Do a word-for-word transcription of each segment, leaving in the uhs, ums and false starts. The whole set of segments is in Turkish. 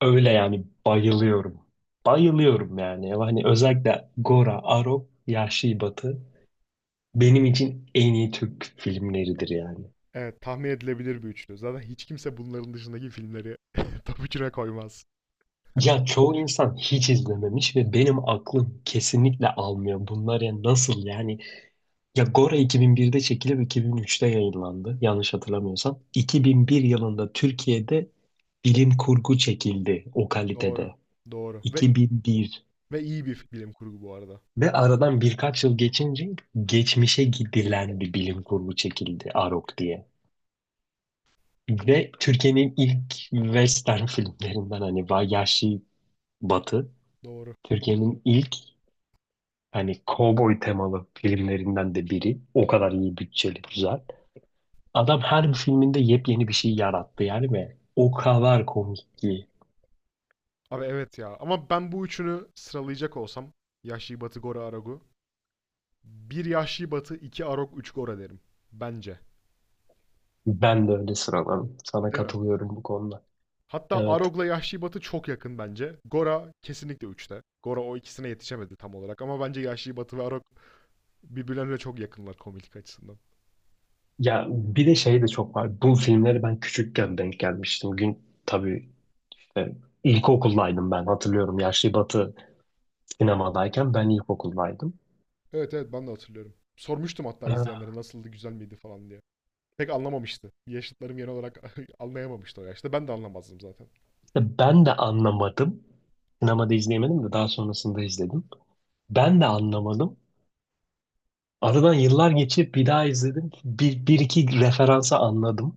Öyle yani bayılıyorum. Bayılıyorum yani. Hani özellikle Gora, Arop, Yahşi Batı benim için en iyi Türk filmleridir yani. Evet, tahmin edilebilir bir üçlü. Zaten hiç kimse bunların dışındaki filmleri top üçüne koymaz. Ya çoğu insan hiç izlememiş ve benim aklım kesinlikle almıyor. Bunlar ya nasıl yani? Ya Gora iki bin birde çekilip iki bin üçte yayınlandı, yanlış hatırlamıyorsam. iki bin bir yılında Türkiye'de bilim kurgu çekildi o Doğru. kalitede. Doğru. Ve iki bin bir. ve iyi bir bilim kurgu bu arada. Ve aradan birkaç yıl geçince geçmişe gidilen bir bilim kurgu çekildi Arok diye. Ve Türkiye'nin ilk western filmlerinden, hani Vahşi Batı, Doğru. Türkiye'nin ilk hani kovboy temalı filmlerinden de biri. O kadar iyi bütçeli, güzel. Adam her bir filminde yepyeni bir şey yarattı yani ve o kadar komik ki. Abi evet ya. Ama ben bu üçünü sıralayacak olsam Yahşi Batı, Gora, Aragu. Bir Yahşi Batı, iki Arog, üç Gora derim. Bence. Ben de öyle sıralarım. Sana Değil mi? katılıyorum bu konuda. Hatta Evet. Arog'la Yahşi Batı çok yakın bence. Gora kesinlikle üçte. Gora o ikisine yetişemedi tam olarak ama bence Yahşi Batı ve Arog birbirlerine çok yakınlar komiklik açısından. Ya bir de şey de çok var. Bu filmleri ben küçükken denk gelmiştim. Gün tabii. E, İlkokuldaydım ben, hatırlıyorum. Yaşlı Batı sinemadayken ben ilkokuldaydım. Evet evet ben de hatırlıyorum. Sormuştum hatta E, izleyenlere nasıldı güzel miydi falan diye. Pek anlamamıştı. Yaşıtlarım genel olarak anlayamamıştı o yaşta. Ben de anlamazdım zaten. işte ben de anlamadım. Sinemada izleyemedim de daha sonrasında izledim. Ben de anlamadım. Aradan yıllar geçip bir daha izledim. Bir, bir iki referansa anladım.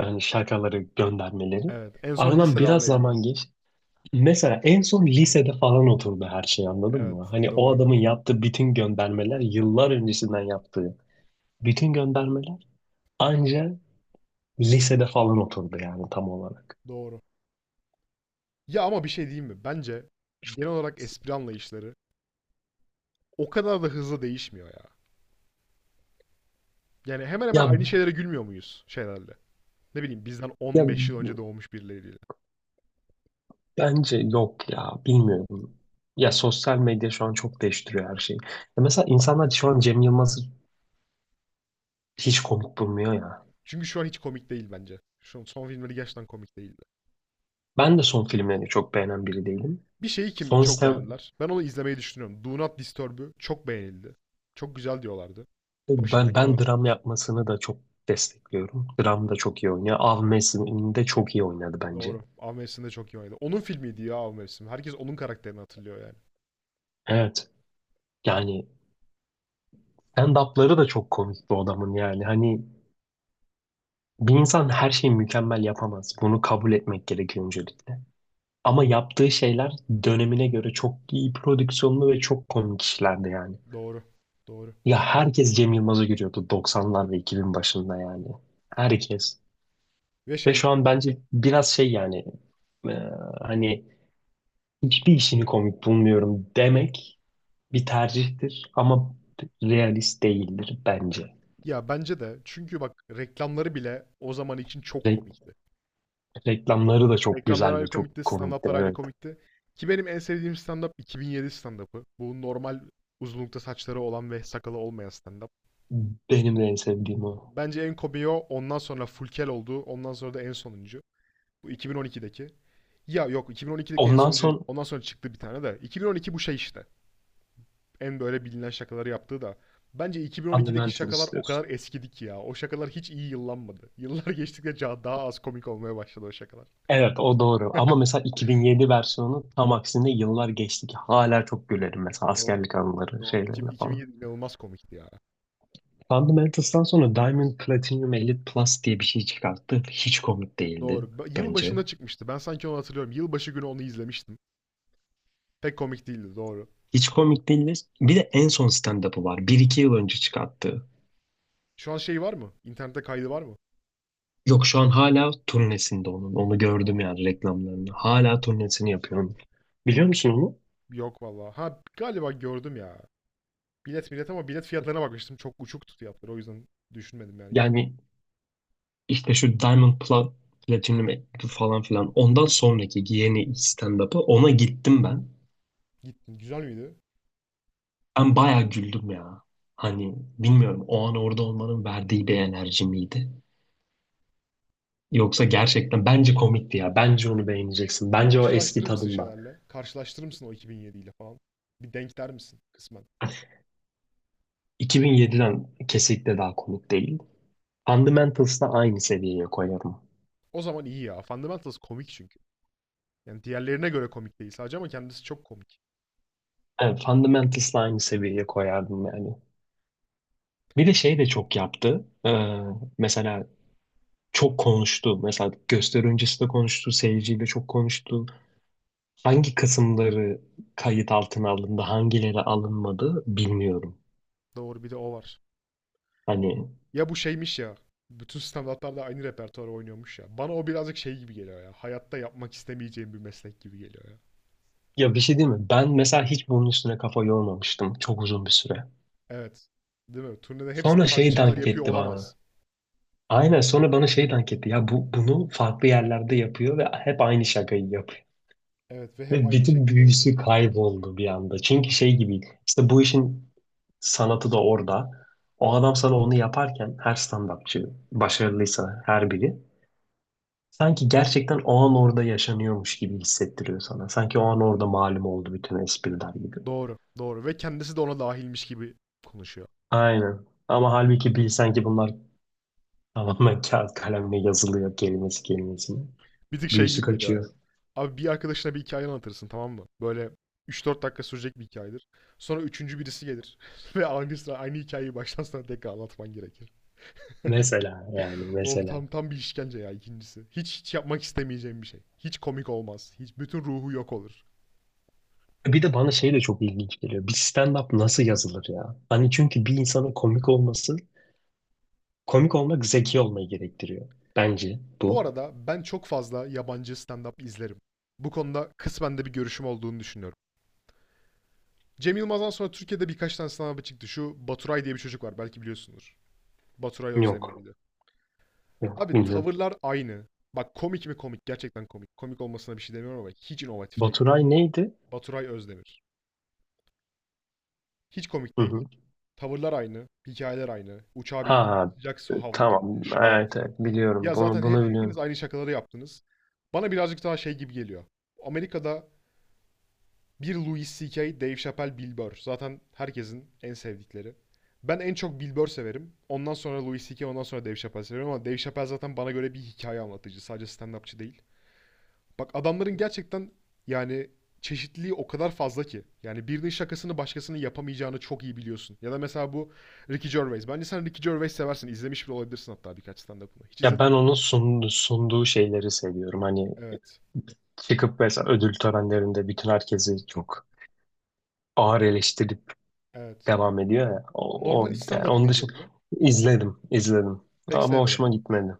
Yani şakaları, göndermeleri. Evet. En son Aradan lisede biraz anlayabildim. zaman geç. Mesela en son lisede falan oturdu her şey, anladın Evet. mı? Hani o Doğru. adamın yaptığı bütün göndermeler, yıllar öncesinden yaptığı bütün göndermeler anca lisede falan oturdu yani tam olarak. Doğru. Ya ama bir şey diyeyim mi? Bence genel olarak espri anlayışları o kadar da hızlı değişmiyor ya. Yani hemen hemen Ya aynı şeylere gülmüyor muyuz şeylerle? Ne bileyim bizden ya on beş yıl önce doğmuş birileriyle. bence yok ya, bilmiyorum. Ya sosyal medya şu an çok değiştiriyor her şeyi. Ya mesela insanlar şu an Cem Yılmaz'ı hiç komik bulmuyor ya. Çünkü şu an hiç komik değil bence. Şu son filmleri gerçekten komik değildi. Ben de son filmlerini çok beğenen biri değilim. Bir şeyi kim Son çok sistem beğendiler. Ben onu izlemeyi düşünüyorum. Do Not Disturb'ü çok beğenildi. Çok güzel diyorlardı. Başına ben genel ben olarak dram kurgusuna. yapmasını da çok destekliyorum. Dram da çok iyi oynuyor. Av Mevsimi'nde çok iyi oynadı bence. Doğru. Av mevsiminde çok iyi oynadı. Onun filmiydi ya Av mevsim. Herkes onun karakterini hatırlıyor yani. Evet. Yani stand-up'ları da çok komik bu adamın yani. Hani bir insan her şeyi mükemmel yapamaz. Bunu kabul etmek gerekiyor öncelikle. Ama yaptığı şeyler dönemine göre çok iyi prodüksiyonlu ve çok komik işlerdi yani. Doğru. Doğru. Ya herkes Cem Yılmaz'ı görüyordu doksanlar ve iki bin başında yani. Herkes. Ve Ve şey şu an bence biraz şey yani, e, hani hiçbir işini komik bulmuyorum demek bir tercihtir ama realist değildir bence. ya bence de çünkü bak reklamları bile o zaman için çok Re- komikti. Reklamları da çok Reklamlar güzel ve ayrı komikti, çok komikti, stand-up'lar ayrı evet. komikti. Ki benim en sevdiğim stand-up iki bin yedi stand-up'ı. Bu normal uzunlukta saçları olan ve sakalı olmayan stand-up. Benim de en sevdiğim o. Bence en komiği o. Ondan sonra Fulkel oldu. Ondan sonra da en sonuncu. Bu iki bin on ikideki. Ya yok iki bin on ikideki en Ondan sonuncu değil. sonra Ondan sonra çıktı bir tane de. iki bin on iki bu şey işte. En böyle bilinen şakaları yaptığı da. Bence iki bin on ikideki şakalar Fundamentals o diyorsun. kadar eskidi ki ya. O şakalar hiç iyi yıllanmadı. Yıllar geçtikçe daha az komik olmaya başladı o şakalar. Evet, o doğru. Ama mesela iki bin yedi versiyonu tam aksine, yıllar geçti ki hala çok gülerim mesela Doğru. askerlik anıları Doğru. İki- şeylerine falan. iki bin yedi inanılmaz komikti ya. Fundamentals'tan sonra Diamond Platinum Elite Plus diye bir şey çıkarttı. Hiç komik değildi Doğru. Ba- Yıl bence. başında çıkmıştı. Ben sanki onu hatırlıyorum. Yılbaşı günü onu izlemiştim. Pek komik değildi. Doğru. Hiç komik değildi. Bir de en son stand-up'ı var. Bir iki yıl önce çıkarttı. Şu an şey var mı? İnternette kaydı var mı? Yok, şu an hala turnesinde onun. Onu gördüm Aa, yani, reklamlarını. Hala turnesini yapıyor onun. Biliyor musun onu? yok vallahi. Ha galiba gördüm ya. Bilet bilet ama bilet fiyatlarına bakmıştım. Çok uçuktu fiyatları. O yüzden düşünmedim yani gittim. Yani, İşte şu Diamond Pla Platinum falan filan. Ondan Evet. sonraki yeni stand-up'ı, ona gittim ben. Gittin. Güzel miydi? Ben bayağı güldüm ya. Hani bilmiyorum, o an orada olmanın verdiği bir enerji miydi? Yoksa gerçekten bence komikti ya. Bence onu beğeneceksin. Bence o eski Karşılaştırır mısın tadında. şeylerle? Karşılaştırır mısın o iki bin yedi ile falan? Bir denk der misin kısmen? iki bin yediden kesinlikle daha komik değil. Fundamentals'la aynı seviyeye koyarım. O zaman iyi ya. Fundamentals komik çünkü. Yani diğerlerine göre komik değil sadece ama kendisi çok komik. Evet, Fundamentals'la aynı seviyeye koyardım yani. Bir de şey de çok yaptı. Ee, mesela çok konuştu. Mesela gösteri öncesi de konuştu, seyirciyle çok konuştu. Hangi kısımları kayıt altına alındı, hangileri alınmadı bilmiyorum. Doğru bir de o var. Hani, Ya bu şeymiş ya. Bütün standartlarda aynı repertuarı oynuyormuş ya. Bana o birazcık şey gibi geliyor ya. Hayatta yapmak istemeyeceğim bir meslek gibi geliyor ya. ya bir şey değil mi? Ben mesela hiç bunun üstüne kafa yormamıştım çok uzun bir süre. Evet. Değil mi? Turnede hepsinde Sonra farklı şey şakalar dank yapıyor etti olamaz. bana. Aynen, sonra bana şey dank etti. Ya bu, bunu farklı yerlerde yapıyor ve hep aynı şakayı yapıyor. Evet ve hep Ve aynı bütün şekilde yapıyor. büyüsü kayboldu bir anda. Çünkü şey gibi, işte bu işin sanatı da orada. O adam sana onu yaparken, her stand-upçı başarılıysa her biri sanki gerçekten o an orada yaşanıyormuş gibi hissettiriyor sana. Sanki o an orada malum oldu bütün espriler gibi. Doğru, doğru. Ve kendisi de ona dahilmiş gibi konuşuyor. Aynen. Ama halbuki bilsen ki bunlar tamamen kağıt kalemle yazılıyor, kelimesi kelimesine. Bir tık şey Büyüsü gibi geliyor ya. kaçıyor. Abi bir arkadaşına bir hikaye anlatırsın tamam mı? Böyle üç dört dakika sürecek bir hikayedir. Sonra üçüncü birisi gelir. Ve aynı sıra aynı hikayeyi baştan sona tekrar anlatman gerekir. Mesela yani, Of mesela. tam tam bir işkence ya ikincisi. Hiç hiç yapmak istemeyeceğim bir şey. Hiç komik olmaz. Hiç bütün ruhu yok olur. Bir de bana şey de çok ilginç geliyor. Bir stand-up nasıl yazılır ya? Hani çünkü bir insanın komik olması, komik olmak zeki olmayı gerektiriyor. Bence Bu bu. arada ben çok fazla yabancı stand-up izlerim. Bu konuda kısmen de bir görüşüm olduğunu düşünüyorum. Cem Yılmaz'dan sonra Türkiye'de birkaç tane stand-up'ı çıktı. Şu Baturay diye bir çocuk var belki biliyorsunuz. Baturay Özdemir Yok. miydi? Yok, Abi bilmiyorum. tavırlar aynı. Bak komik mi komik? Gerçekten komik. Komik olmasına bir şey demiyorum ama hiç inovatif değil. Baturay neydi? Baturay Özdemir. Hiç komik Hı değil. hı. Tavırlar aynı, hikayeler aynı. Uçağa bindim, Ha, sıcak su havlu tamam. geldi falan Evet, filan. evet, biliyorum. Ya Bunu zaten hep bunu hepiniz biliyorum. aynı şakaları yaptınız. Bana birazcık daha şey gibi geliyor. Amerika'da bir Louis C K, Dave Chappelle, Bill Burr. Zaten herkesin en sevdikleri. Ben en çok Bill Burr severim. Ondan sonra Louis C K, ondan sonra Dave Chappelle severim ama Dave Chappelle zaten bana göre bir hikaye anlatıcı. Sadece stand-upçı değil. Bak adamların gerçekten yani çeşitliliği o kadar fazla ki. Yani birinin şakasını başkasının yapamayacağını çok iyi biliyorsun. Ya da mesela bu Ricky Gervais. Bence sen Ricky Gervais seversin. İzlemiş bile olabilirsin hatta birkaç stand-up'ını. Hiç Ya izledin ben mi? onun sunduğu, sunduğu şeyleri seviyorum. Hani Evet. çıkıp mesela ödül törenlerinde bütün herkesi çok ağır eleştirip Evet. devam ediyor ya. O, Normal o hiç yani, stand-up'ını onun dışında izledim mi? izledim, izledim. Pek Ama sevmedim hoşuma ama. gitmedi.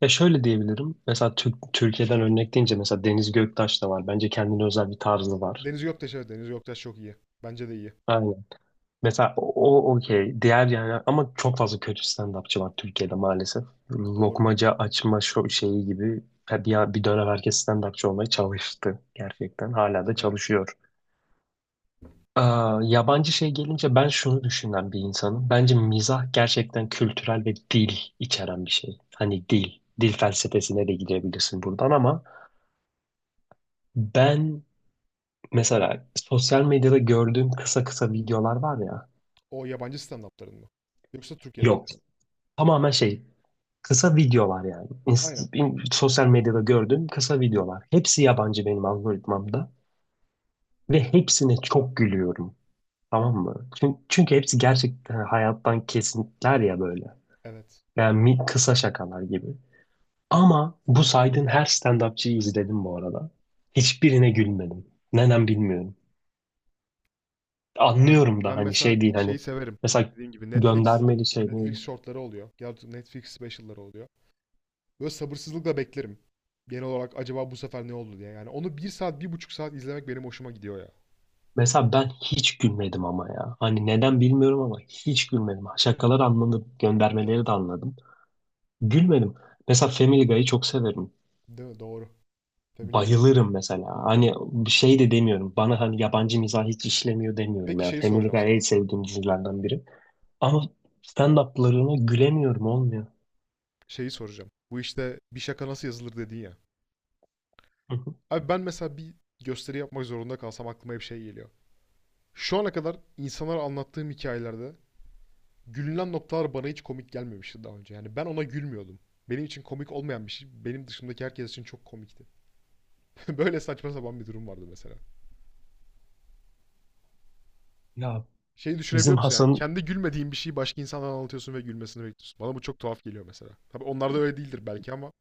Ya şöyle diyebilirim. Mesela Türk, Türkiye'den örnek deyince, mesela Deniz Göktaş da var. Bence kendine özel bir tarzı var. Deniz Göktaş evet. Deniz Göktaş çok iyi. Bence de iyi. Aynen. Mesela o o okey. Diğer yani, ama çok fazla kötü stand-upçı var Türkiye'de maalesef. Doğru. Lokmaca açma şo- şeyi gibi bir, bir dönem herkes stand-upçı olmaya çalıştı gerçekten. Hala da Evet. çalışıyor. Aa, yabancı şey gelince, ben şunu düşünen bir insanım. Bence mizah gerçekten kültürel ve dil içeren bir şey. Hani dil, dil felsefesine de gidebilirsin buradan, ama ben. Mesela sosyal medyada gördüğüm kısa kısa videolar var ya. O yabancı stand-up'ların mı? Yoksa Yok. Türkiye'dekilerin mi? Tamamen şey. Kısa videolar yani. Aynen. İnst- in- sosyal medyada gördüğüm kısa videolar. Hepsi yabancı benim algoritmamda. Ve hepsine çok gülüyorum. Tamam mı? Çünkü, çünkü hepsi gerçekten hayattan kesitler ya, böyle. Evet. Yani mi- kısa şakalar gibi. Ama bu saydığın her stand-upçıyı izledim bu arada. Hiçbirine gülmedim. Neden bilmiyorum. Bilmiyorum Anlıyorum abi. da Ben hani, mesela şey değil şeyi hani, severim. mesela Dediğim gibi Netflix göndermeli şey Netflix mi? shortları oluyor. Ya da Netflix specialları oluyor. Böyle sabırsızlıkla beklerim. Genel olarak acaba bu sefer ne oldu diye. Yani onu bir saat, bir buçuk saat izlemek benim hoşuma gidiyor ya. Mesela ben hiç gülmedim ama ya. Hani neden bilmiyorum ama hiç gülmedim. Şakalar anladım, göndermeleri de Evet. anladım. Gülmedim. Mesela Family Guy'ı çok severim. Değil mi? Doğru. Family Guy. Bayılırım mesela. Hani bir şey de demiyorum. Bana hani yabancı mizah hiç işlemiyor demiyorum Peki ya. şeyi Family soracağım Guy en sana. sevdiğim dizilerden biri. Ama stand-up'larına gülemiyorum, olmuyor. Şeyi soracağım. Bu işte bir şaka nasıl yazılır dedin ya. Hı hı. Abi ben mesela bir gösteri yapmak zorunda kalsam aklıma hep şey geliyor. Şu ana kadar insanlara anlattığım hikayelerde gülünen noktalar bana hiç komik gelmemişti daha önce. Yani ben ona gülmüyordum. Benim için komik olmayan bir şey benim dışımdaki herkes için çok komikti. Böyle saçma sapan bir durum vardı mesela. Ya Şeyi düşünebiliyor bizim musun yani? Hasan Kendi gülmediğin bir şeyi başka insanlara anlatıyorsun ve gülmesini bekliyorsun. Bana bu çok tuhaf geliyor mesela. Tabii onlarda öyle değildir belki ama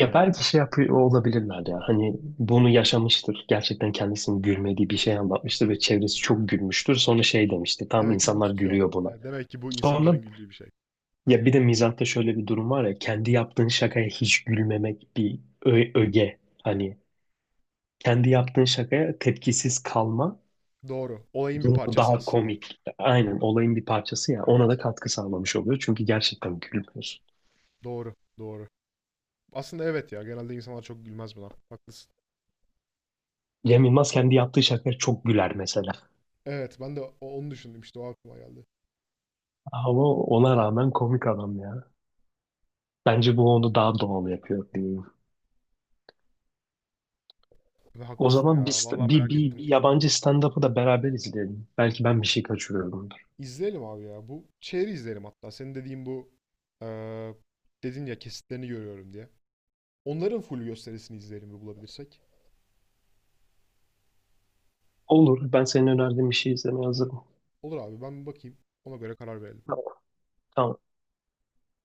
Ya belki şey yapıyor olabilirler ya. Hani bunu yaşamıştır. Gerçekten kendisinin gülmediği bir şey anlatmıştır ve çevresi çok gülmüştür. Sonra şey demişti. Tam demek ki bu insanlar tutuyor. gülüyor buna. E, demek ki bu Sonra, insanların güldüğü bir şey. ya bir de mizahta şöyle bir durum var ya. Kendi yaptığın şakaya hiç gülmemek bir ö- öge. Hani kendi yaptığın şakaya tepkisiz kalma Doğru. Olayın bir durumu parçası daha aslında. komik. Aynen, olayın bir parçası ya. Ona Evet. da katkı sağlamış oluyor. Çünkü gerçekten gülmüyorsun. Doğru. Doğru. Aslında evet ya. Genelde insanlar çok gülmez buna. Haklısın. Cem Yılmaz kendi yaptığı şakaya çok güler mesela. Evet ben de o- onu düşündüm işte o aklıma geldi. Ama ona rağmen komik adam ya. Bence bu onu daha doğal yapıyor diyeyim. Ve O haklısın zaman bir, ya. st- Vallahi bir, merak bir, ettim. bir yabancı stand-up'ı da beraber izleyelim. Belki ben bir şey kaçırıyorumdur. İzleyelim abi ya. Bu şeyi izleyelim hatta. Senin dediğin bu eee dedin ya kesitlerini görüyorum diye. Onların full gösterisini izleyelim bir bulabilirsek. Olur. Ben senin önerdiğin bir şey izlemeye hazırım. Olur abi ben bir bakayım. Ona göre karar verelim. Tamam. Tamam.